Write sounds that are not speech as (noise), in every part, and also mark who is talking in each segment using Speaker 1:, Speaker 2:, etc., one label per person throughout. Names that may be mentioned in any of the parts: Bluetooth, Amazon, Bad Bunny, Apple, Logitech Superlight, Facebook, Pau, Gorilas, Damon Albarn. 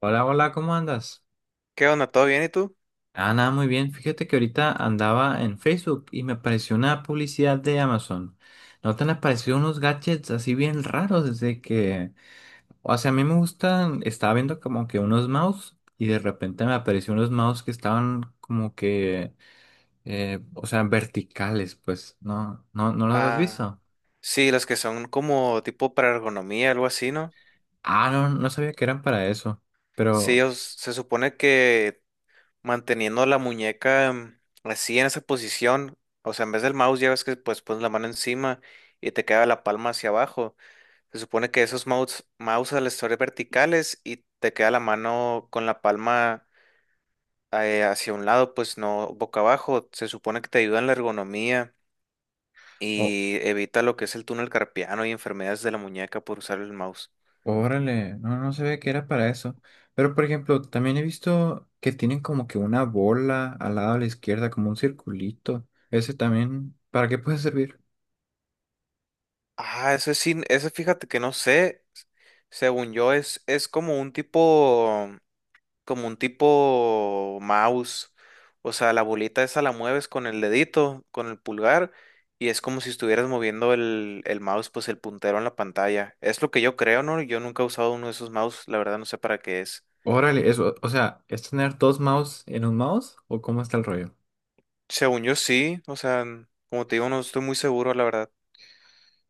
Speaker 1: Hola, hola, ¿cómo andas?
Speaker 2: ¿Qué onda? ¿Todo bien y tú?
Speaker 1: Ah, nada, muy bien. Fíjate que ahorita andaba en Facebook y me apareció una publicidad de Amazon. ¿No te han aparecido unos gadgets así bien raros desde que... O sea, a mí me gustan, estaba viendo como que unos mouse y de repente me apareció unos mouse que estaban como que, o sea, verticales, pues, ¿no? ¿No, no los has
Speaker 2: Ah,
Speaker 1: visto?
Speaker 2: sí, las que son como tipo para ergonomía, algo así, ¿no?
Speaker 1: Ah, no, no sabía que eran para eso,
Speaker 2: Sí,
Speaker 1: pero...
Speaker 2: se supone que manteniendo la muñeca así en esa posición, o sea, en vez del mouse ya ves que pues pones la mano encima y te queda la palma hacia abajo. Se supone que esos mouse al estar verticales y te queda la mano con la palma hacia un lado, pues no boca abajo. Se supone que te ayuda en la ergonomía
Speaker 1: O,
Speaker 2: y evita lo que es el túnel carpiano y enfermedades de la muñeca por usar el mouse.
Speaker 1: Órale, no, no se ve que era para eso. Pero, por ejemplo, también he visto que tienen como que una bola al lado a la izquierda, como un circulito. Ese también, ¿para qué puede servir?
Speaker 2: Ah, ese sí, ese fíjate que no sé. Según yo, es como un tipo mouse. O sea, la bolita esa la mueves con el dedito, con el pulgar, y es como si estuvieras moviendo el mouse, pues el puntero en la pantalla. Es lo que yo creo, ¿no? Yo nunca he usado uno de esos mouse, la verdad no sé para qué es.
Speaker 1: Órale, eso, o sea, ¿es tener dos mouse en un mouse o cómo está el rollo?
Speaker 2: Según yo sí, o sea, como te digo, no estoy muy seguro, la verdad.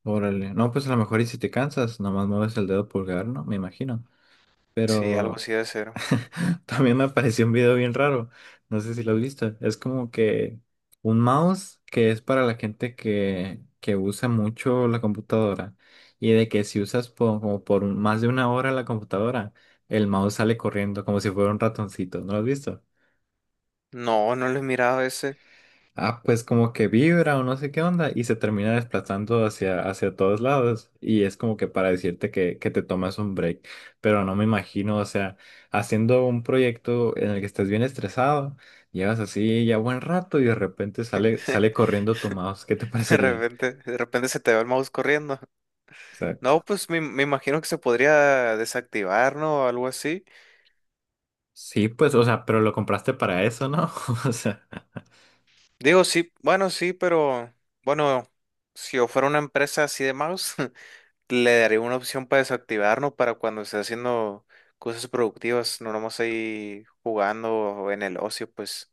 Speaker 1: Órale, no, pues a lo mejor y si te cansas, nomás mueves el dedo pulgar, ¿no? Me imagino.
Speaker 2: Sí, algo
Speaker 1: Pero
Speaker 2: así de ser.
Speaker 1: (laughs) también me apareció un video bien raro, no sé si lo has visto, es como que un mouse que es para la gente que usa mucho la computadora y de que si usas como por más de una hora la computadora, el mouse sale corriendo como si fuera un ratoncito, ¿no lo has visto?
Speaker 2: No, no lo he mirado ese.
Speaker 1: Ah, pues como que vibra o no sé qué onda y se termina desplazando hacia todos lados y es como que para decirte que te tomas un break, pero no me imagino, o sea, haciendo un proyecto en el que estás bien estresado, llevas así ya buen rato y de repente sale, sale
Speaker 2: (laughs)
Speaker 1: corriendo tu mouse, ¿qué te (laughs) parecería?
Speaker 2: De repente se te va el mouse corriendo. No,
Speaker 1: Exacto.
Speaker 2: pues me imagino que se podría desactivar, ¿no? O algo así.
Speaker 1: Sí, pues, o sea, pero lo compraste para eso, ¿no? (laughs) O sea.
Speaker 2: Digo, sí, bueno, sí, pero bueno, si yo fuera una empresa así de mouse, (laughs) le daría una opción para desactivar, ¿no? Para cuando esté haciendo cosas productivas, no nomás ahí jugando o en el ocio, pues.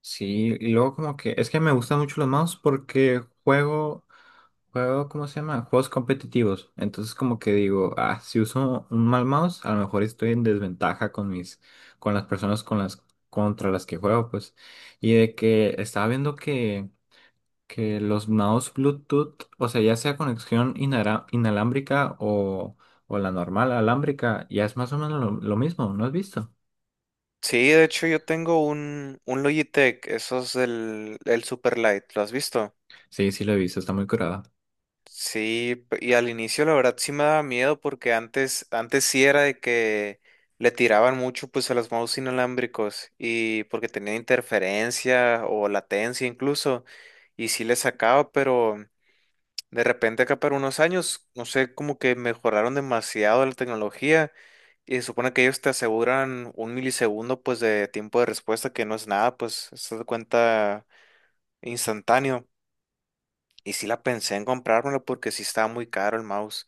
Speaker 1: Sí, y luego como que es que me gustan mucho los mouse porque juego, juego, ¿cómo se llama? Juegos competitivos. Entonces como que digo, ah, si uso un mal mouse, a lo mejor estoy en desventaja con mis, con las personas con las, contra las que juego, pues. Y de que estaba viendo que los mouse Bluetooth, o sea, ya sea conexión inalámbrica o la normal alámbrica, ya es más o menos lo mismo, ¿no has visto?
Speaker 2: Sí, de hecho yo tengo un Logitech, esos del el Superlight, ¿lo has visto?
Speaker 1: Sí, sí lo he visto, está muy curada.
Speaker 2: Sí, y al inicio la verdad sí me daba miedo porque antes sí era de que le tiraban mucho pues a los mouse inalámbricos y porque tenía interferencia o latencia incluso y sí le sacaba, pero de repente acá para unos años, no sé, como que mejoraron demasiado la tecnología y se supone que ellos te aseguran un milisegundo pues de tiempo de respuesta que no es nada, pues se da cuenta instantáneo y sí la pensé en comprármelo porque sí estaba muy caro el mouse.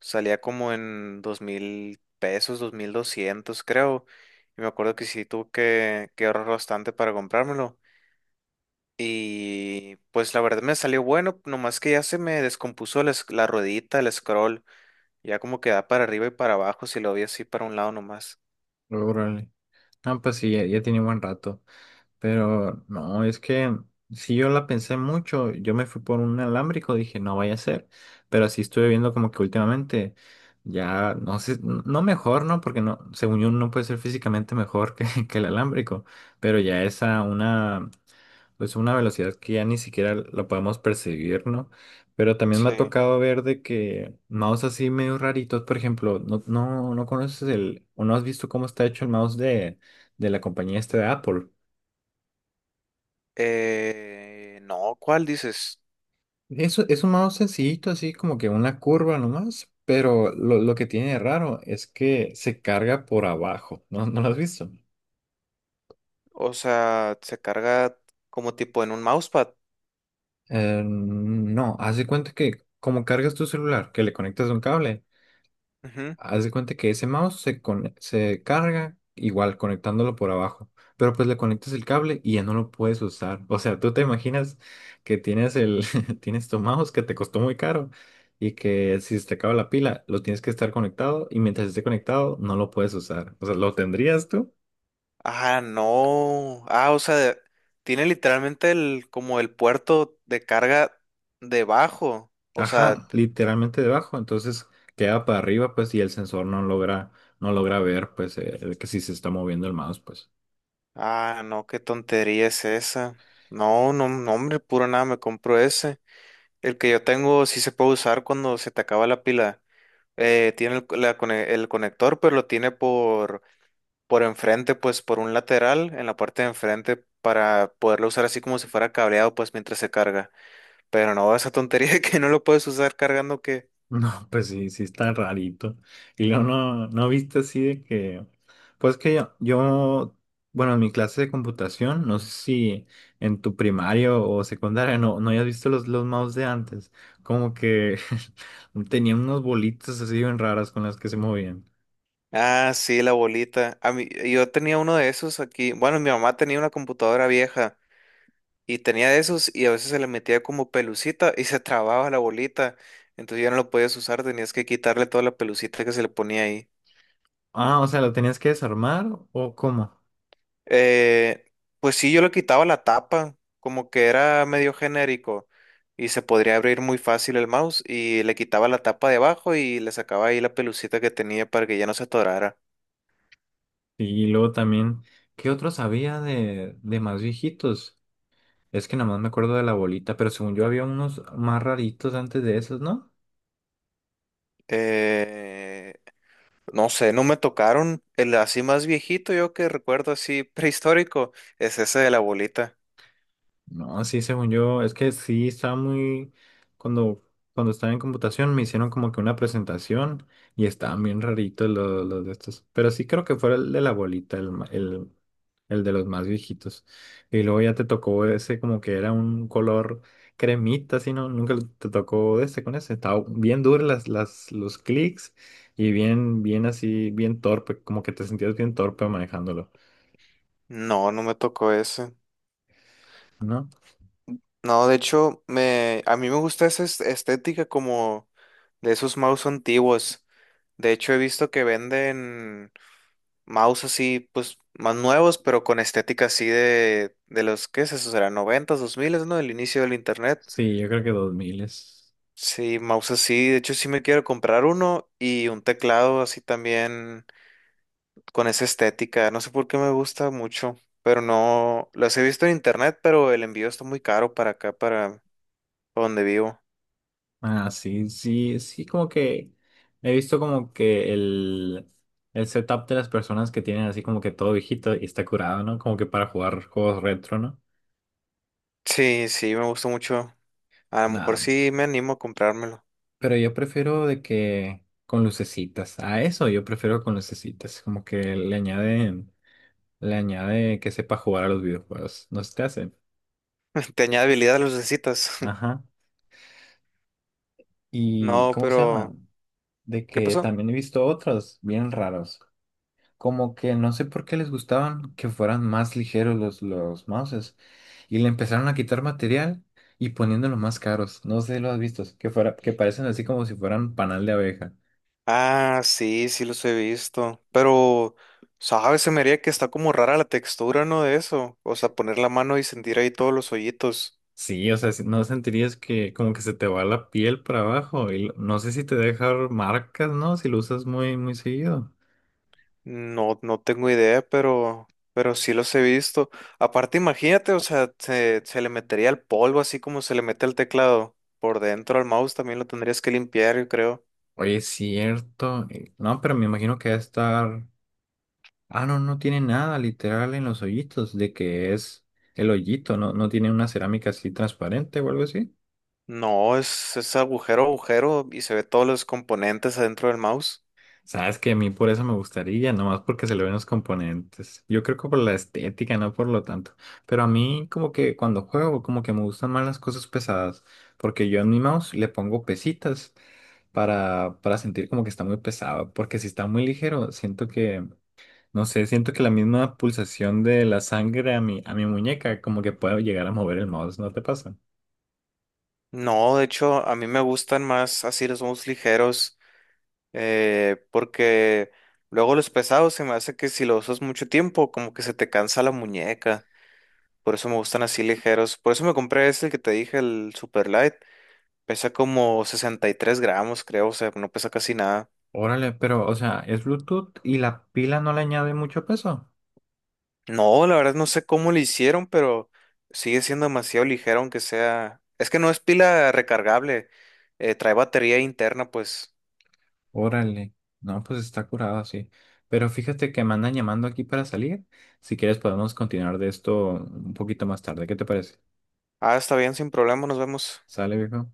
Speaker 2: Salía como en 2000 pesos, 2200, creo. Y me acuerdo que sí que ahorrar bastante para comprármelo. Y pues la verdad me salió bueno, nomás que ya se me descompuso la ruedita, el scroll. Ya como que da para arriba y para abajo, si lo vi así para un lado nomás.
Speaker 1: Ah, pues sí, ya, ya tiene buen rato. Pero no, es que si yo la pensé mucho, yo me fui por un alámbrico, dije, no vaya a ser, pero sí estuve viendo como que últimamente ya, no sé, no mejor, ¿no? Porque no, según yo no puede ser físicamente mejor que, (laughs) que el alámbrico, pero ya es a una, pues una velocidad que ya ni siquiera la podemos percibir, ¿no? Pero también me ha
Speaker 2: Sí.
Speaker 1: tocado ver de que mouse así medio raritos, por ejemplo, no, no, no conoces el, o no has visto cómo está hecho el mouse de la compañía esta de Apple.
Speaker 2: No, ¿cuál dices?
Speaker 1: Eso es un modo sencillito, así como que una curva nomás, pero lo que tiene de raro es que se carga por abajo, ¿no? ¿No lo has visto?
Speaker 2: O sea, se carga como tipo en un mousepad.
Speaker 1: No, haz de cuenta que como cargas tu celular, que le conectas un cable, haz de cuenta que ese mouse se carga igual conectándolo por abajo, pero pues le conectas el cable y ya no lo puedes usar. O sea, tú te imaginas que tienes el (laughs) tienes tu mouse que te costó muy caro y que si se te acaba la pila, lo tienes que estar conectado y mientras esté conectado no lo puedes usar. O sea, ¿lo tendrías tú?
Speaker 2: Ah, no. Ah, o sea, tiene literalmente el, como el puerto de carga debajo. O sea,
Speaker 1: Ajá, literalmente debajo, entonces queda para arriba pues y el sensor no logra ver pues que si se está moviendo el mouse pues.
Speaker 2: ah, no, qué tontería es esa. No, no, no, hombre, puro nada, me compro ese. El que yo tengo sí se puede usar cuando se te acaba la pila. Tiene el conector, pero lo tiene por enfrente, pues por un lateral, en la parte de enfrente, para poderlo usar así como si fuera cableado, pues mientras se carga. Pero no, esa tontería (laughs) de que no lo puedes usar cargando que...
Speaker 1: No, pues sí, sí está rarito. Y luego no, no viste así de que, pues que yo, bueno, en mi clase de computación, no sé si en tu primario o secundaria no, no hayas visto los mouse de antes, como que (laughs) tenían unos bolitas así bien raras con las que se movían.
Speaker 2: Ah, sí, la bolita. A mí, yo tenía uno de esos aquí. Bueno, mi mamá tenía una computadora vieja y tenía de esos y a veces se le metía como pelucita y se trababa la bolita. Entonces ya no lo podías usar, tenías que quitarle toda la pelucita que se le ponía ahí.
Speaker 1: Ah, o sea, ¿lo tenías que desarmar o cómo?
Speaker 2: Eh, pues sí, yo le quitaba la tapa, como que era medio genérico y se podría abrir muy fácil el mouse y le quitaba la tapa de abajo y le sacaba ahí la pelucita que tenía para que ya no se atorara.
Speaker 1: Y luego también, ¿qué otros había de más viejitos? Es que nada más me acuerdo de la bolita, pero según yo había unos más raritos antes de esos, ¿no?
Speaker 2: Eh, No sé, no me tocaron. El así más viejito, yo que recuerdo así (laughs) prehistórico, es ese de la bolita.
Speaker 1: No, sí, según yo, es que sí estaba muy, cuando, cuando estaba en computación me hicieron como que una presentación y estaban bien raritos los de estos, pero sí creo que fue el de la bolita, el de los más viejitos. Y luego ya te tocó ese como que era un color cremita, así, ¿no? Nunca te tocó de este con ese, estaba bien duro los clics y bien, bien así, bien torpe, como que te sentías bien torpe manejándolo,
Speaker 2: No, no me tocó ese.
Speaker 1: ¿no?
Speaker 2: No, de hecho, a mí me gusta esa estética como de esos mouse antiguos. De hecho, he visto que venden mouse así, pues, más nuevos, pero con estética así de los, ¿qué es eso? Será noventas, dos miles, ¿no? El inicio del internet.
Speaker 1: Sí, yo creo que 2000 es.
Speaker 2: Sí, mouse así. De hecho, sí me quiero comprar uno y un teclado así también con esa estética. No sé por qué me gusta mucho, pero no las he visto en internet, pero el envío está muy caro para acá, para donde vivo.
Speaker 1: Ah, sí, sí, sí, como que he visto como que el setup de las personas que tienen así como que todo viejito y está curado, ¿no? Como que para jugar juegos retro, ¿no?
Speaker 2: Sí, sí, me gusta mucho. A lo mejor
Speaker 1: Nah,
Speaker 2: sí me animo a comprármelo.
Speaker 1: pero yo prefiero de que con lucecitas. A eso yo prefiero con lucecitas. Como que le añade que sepa jugar a los videojuegos. No se te hace.
Speaker 2: (laughs) ¿Te añade habilidad los necesitas? (laughs)
Speaker 1: Ajá. ¿Y
Speaker 2: No,
Speaker 1: cómo se llama?
Speaker 2: pero
Speaker 1: De
Speaker 2: ¿qué
Speaker 1: que
Speaker 2: pasó?
Speaker 1: también he visto otros bien raros. Como que no sé por qué les gustaban que fueran más ligeros los mouses y le empezaron a quitar material y poniéndolos más caros. No sé si lo has visto, que parecen así como si fueran panal de abeja.
Speaker 2: Ah, sí, sí los he visto, pero sabes, se me haría que está como rara la textura, ¿no? De eso, o sea, poner la mano y sentir ahí todos los hoyitos.
Speaker 1: Sí, o sea, no sentirías que como que se te va la piel para abajo y no sé si te deja marcas, ¿no? Si lo usas muy, muy seguido.
Speaker 2: No, no tengo idea, pero sí los he visto. Aparte, imagínate, o sea, se le metería el polvo así como se le mete el teclado por dentro al mouse, también lo tendrías que limpiar, yo creo.
Speaker 1: Oye, es cierto. No, pero me imagino que va a estar... Ah, no, no tiene nada literal en los hoyitos de que es el hoyito, no, no tiene una cerámica así transparente o algo así.
Speaker 2: No, es agujero, agujero y se ve todos los componentes adentro del mouse.
Speaker 1: Sabes que a mí por eso me gustaría, nomás porque se le ven los componentes. Yo creo que por la estética, no por lo tanto. Pero a mí como que cuando juego, como que me gustan más las cosas pesadas, porque yo en mi mouse le pongo pesitas para sentir como que está muy pesado, porque si está muy ligero, siento que, no sé, siento que la misma pulsación de la sangre a mi muñeca como que puedo llegar a mover el mouse, ¿no te pasa?
Speaker 2: No, de hecho, a mí me gustan más así los mouse ligeros, porque luego los pesados se me hace que si los usas mucho tiempo, como que se te cansa la muñeca. Por eso me gustan así ligeros. Por eso me compré este el que te dije, el Super Light. Pesa como 63 gramos, creo. O sea, no pesa casi nada.
Speaker 1: Órale, pero o sea, es Bluetooth y la pila no le añade mucho peso.
Speaker 2: No, la verdad no sé cómo lo hicieron, pero sigue siendo demasiado ligero, aunque sea. Es que no es pila recargable. Trae batería interna, pues.
Speaker 1: Órale, no, pues está curado, sí. Pero fíjate que me andan llamando aquí para salir. Si quieres podemos continuar de esto un poquito más tarde. ¿Qué te parece?
Speaker 2: Ah, está bien, sin problema, nos vemos.
Speaker 1: ¿Sale, viejo?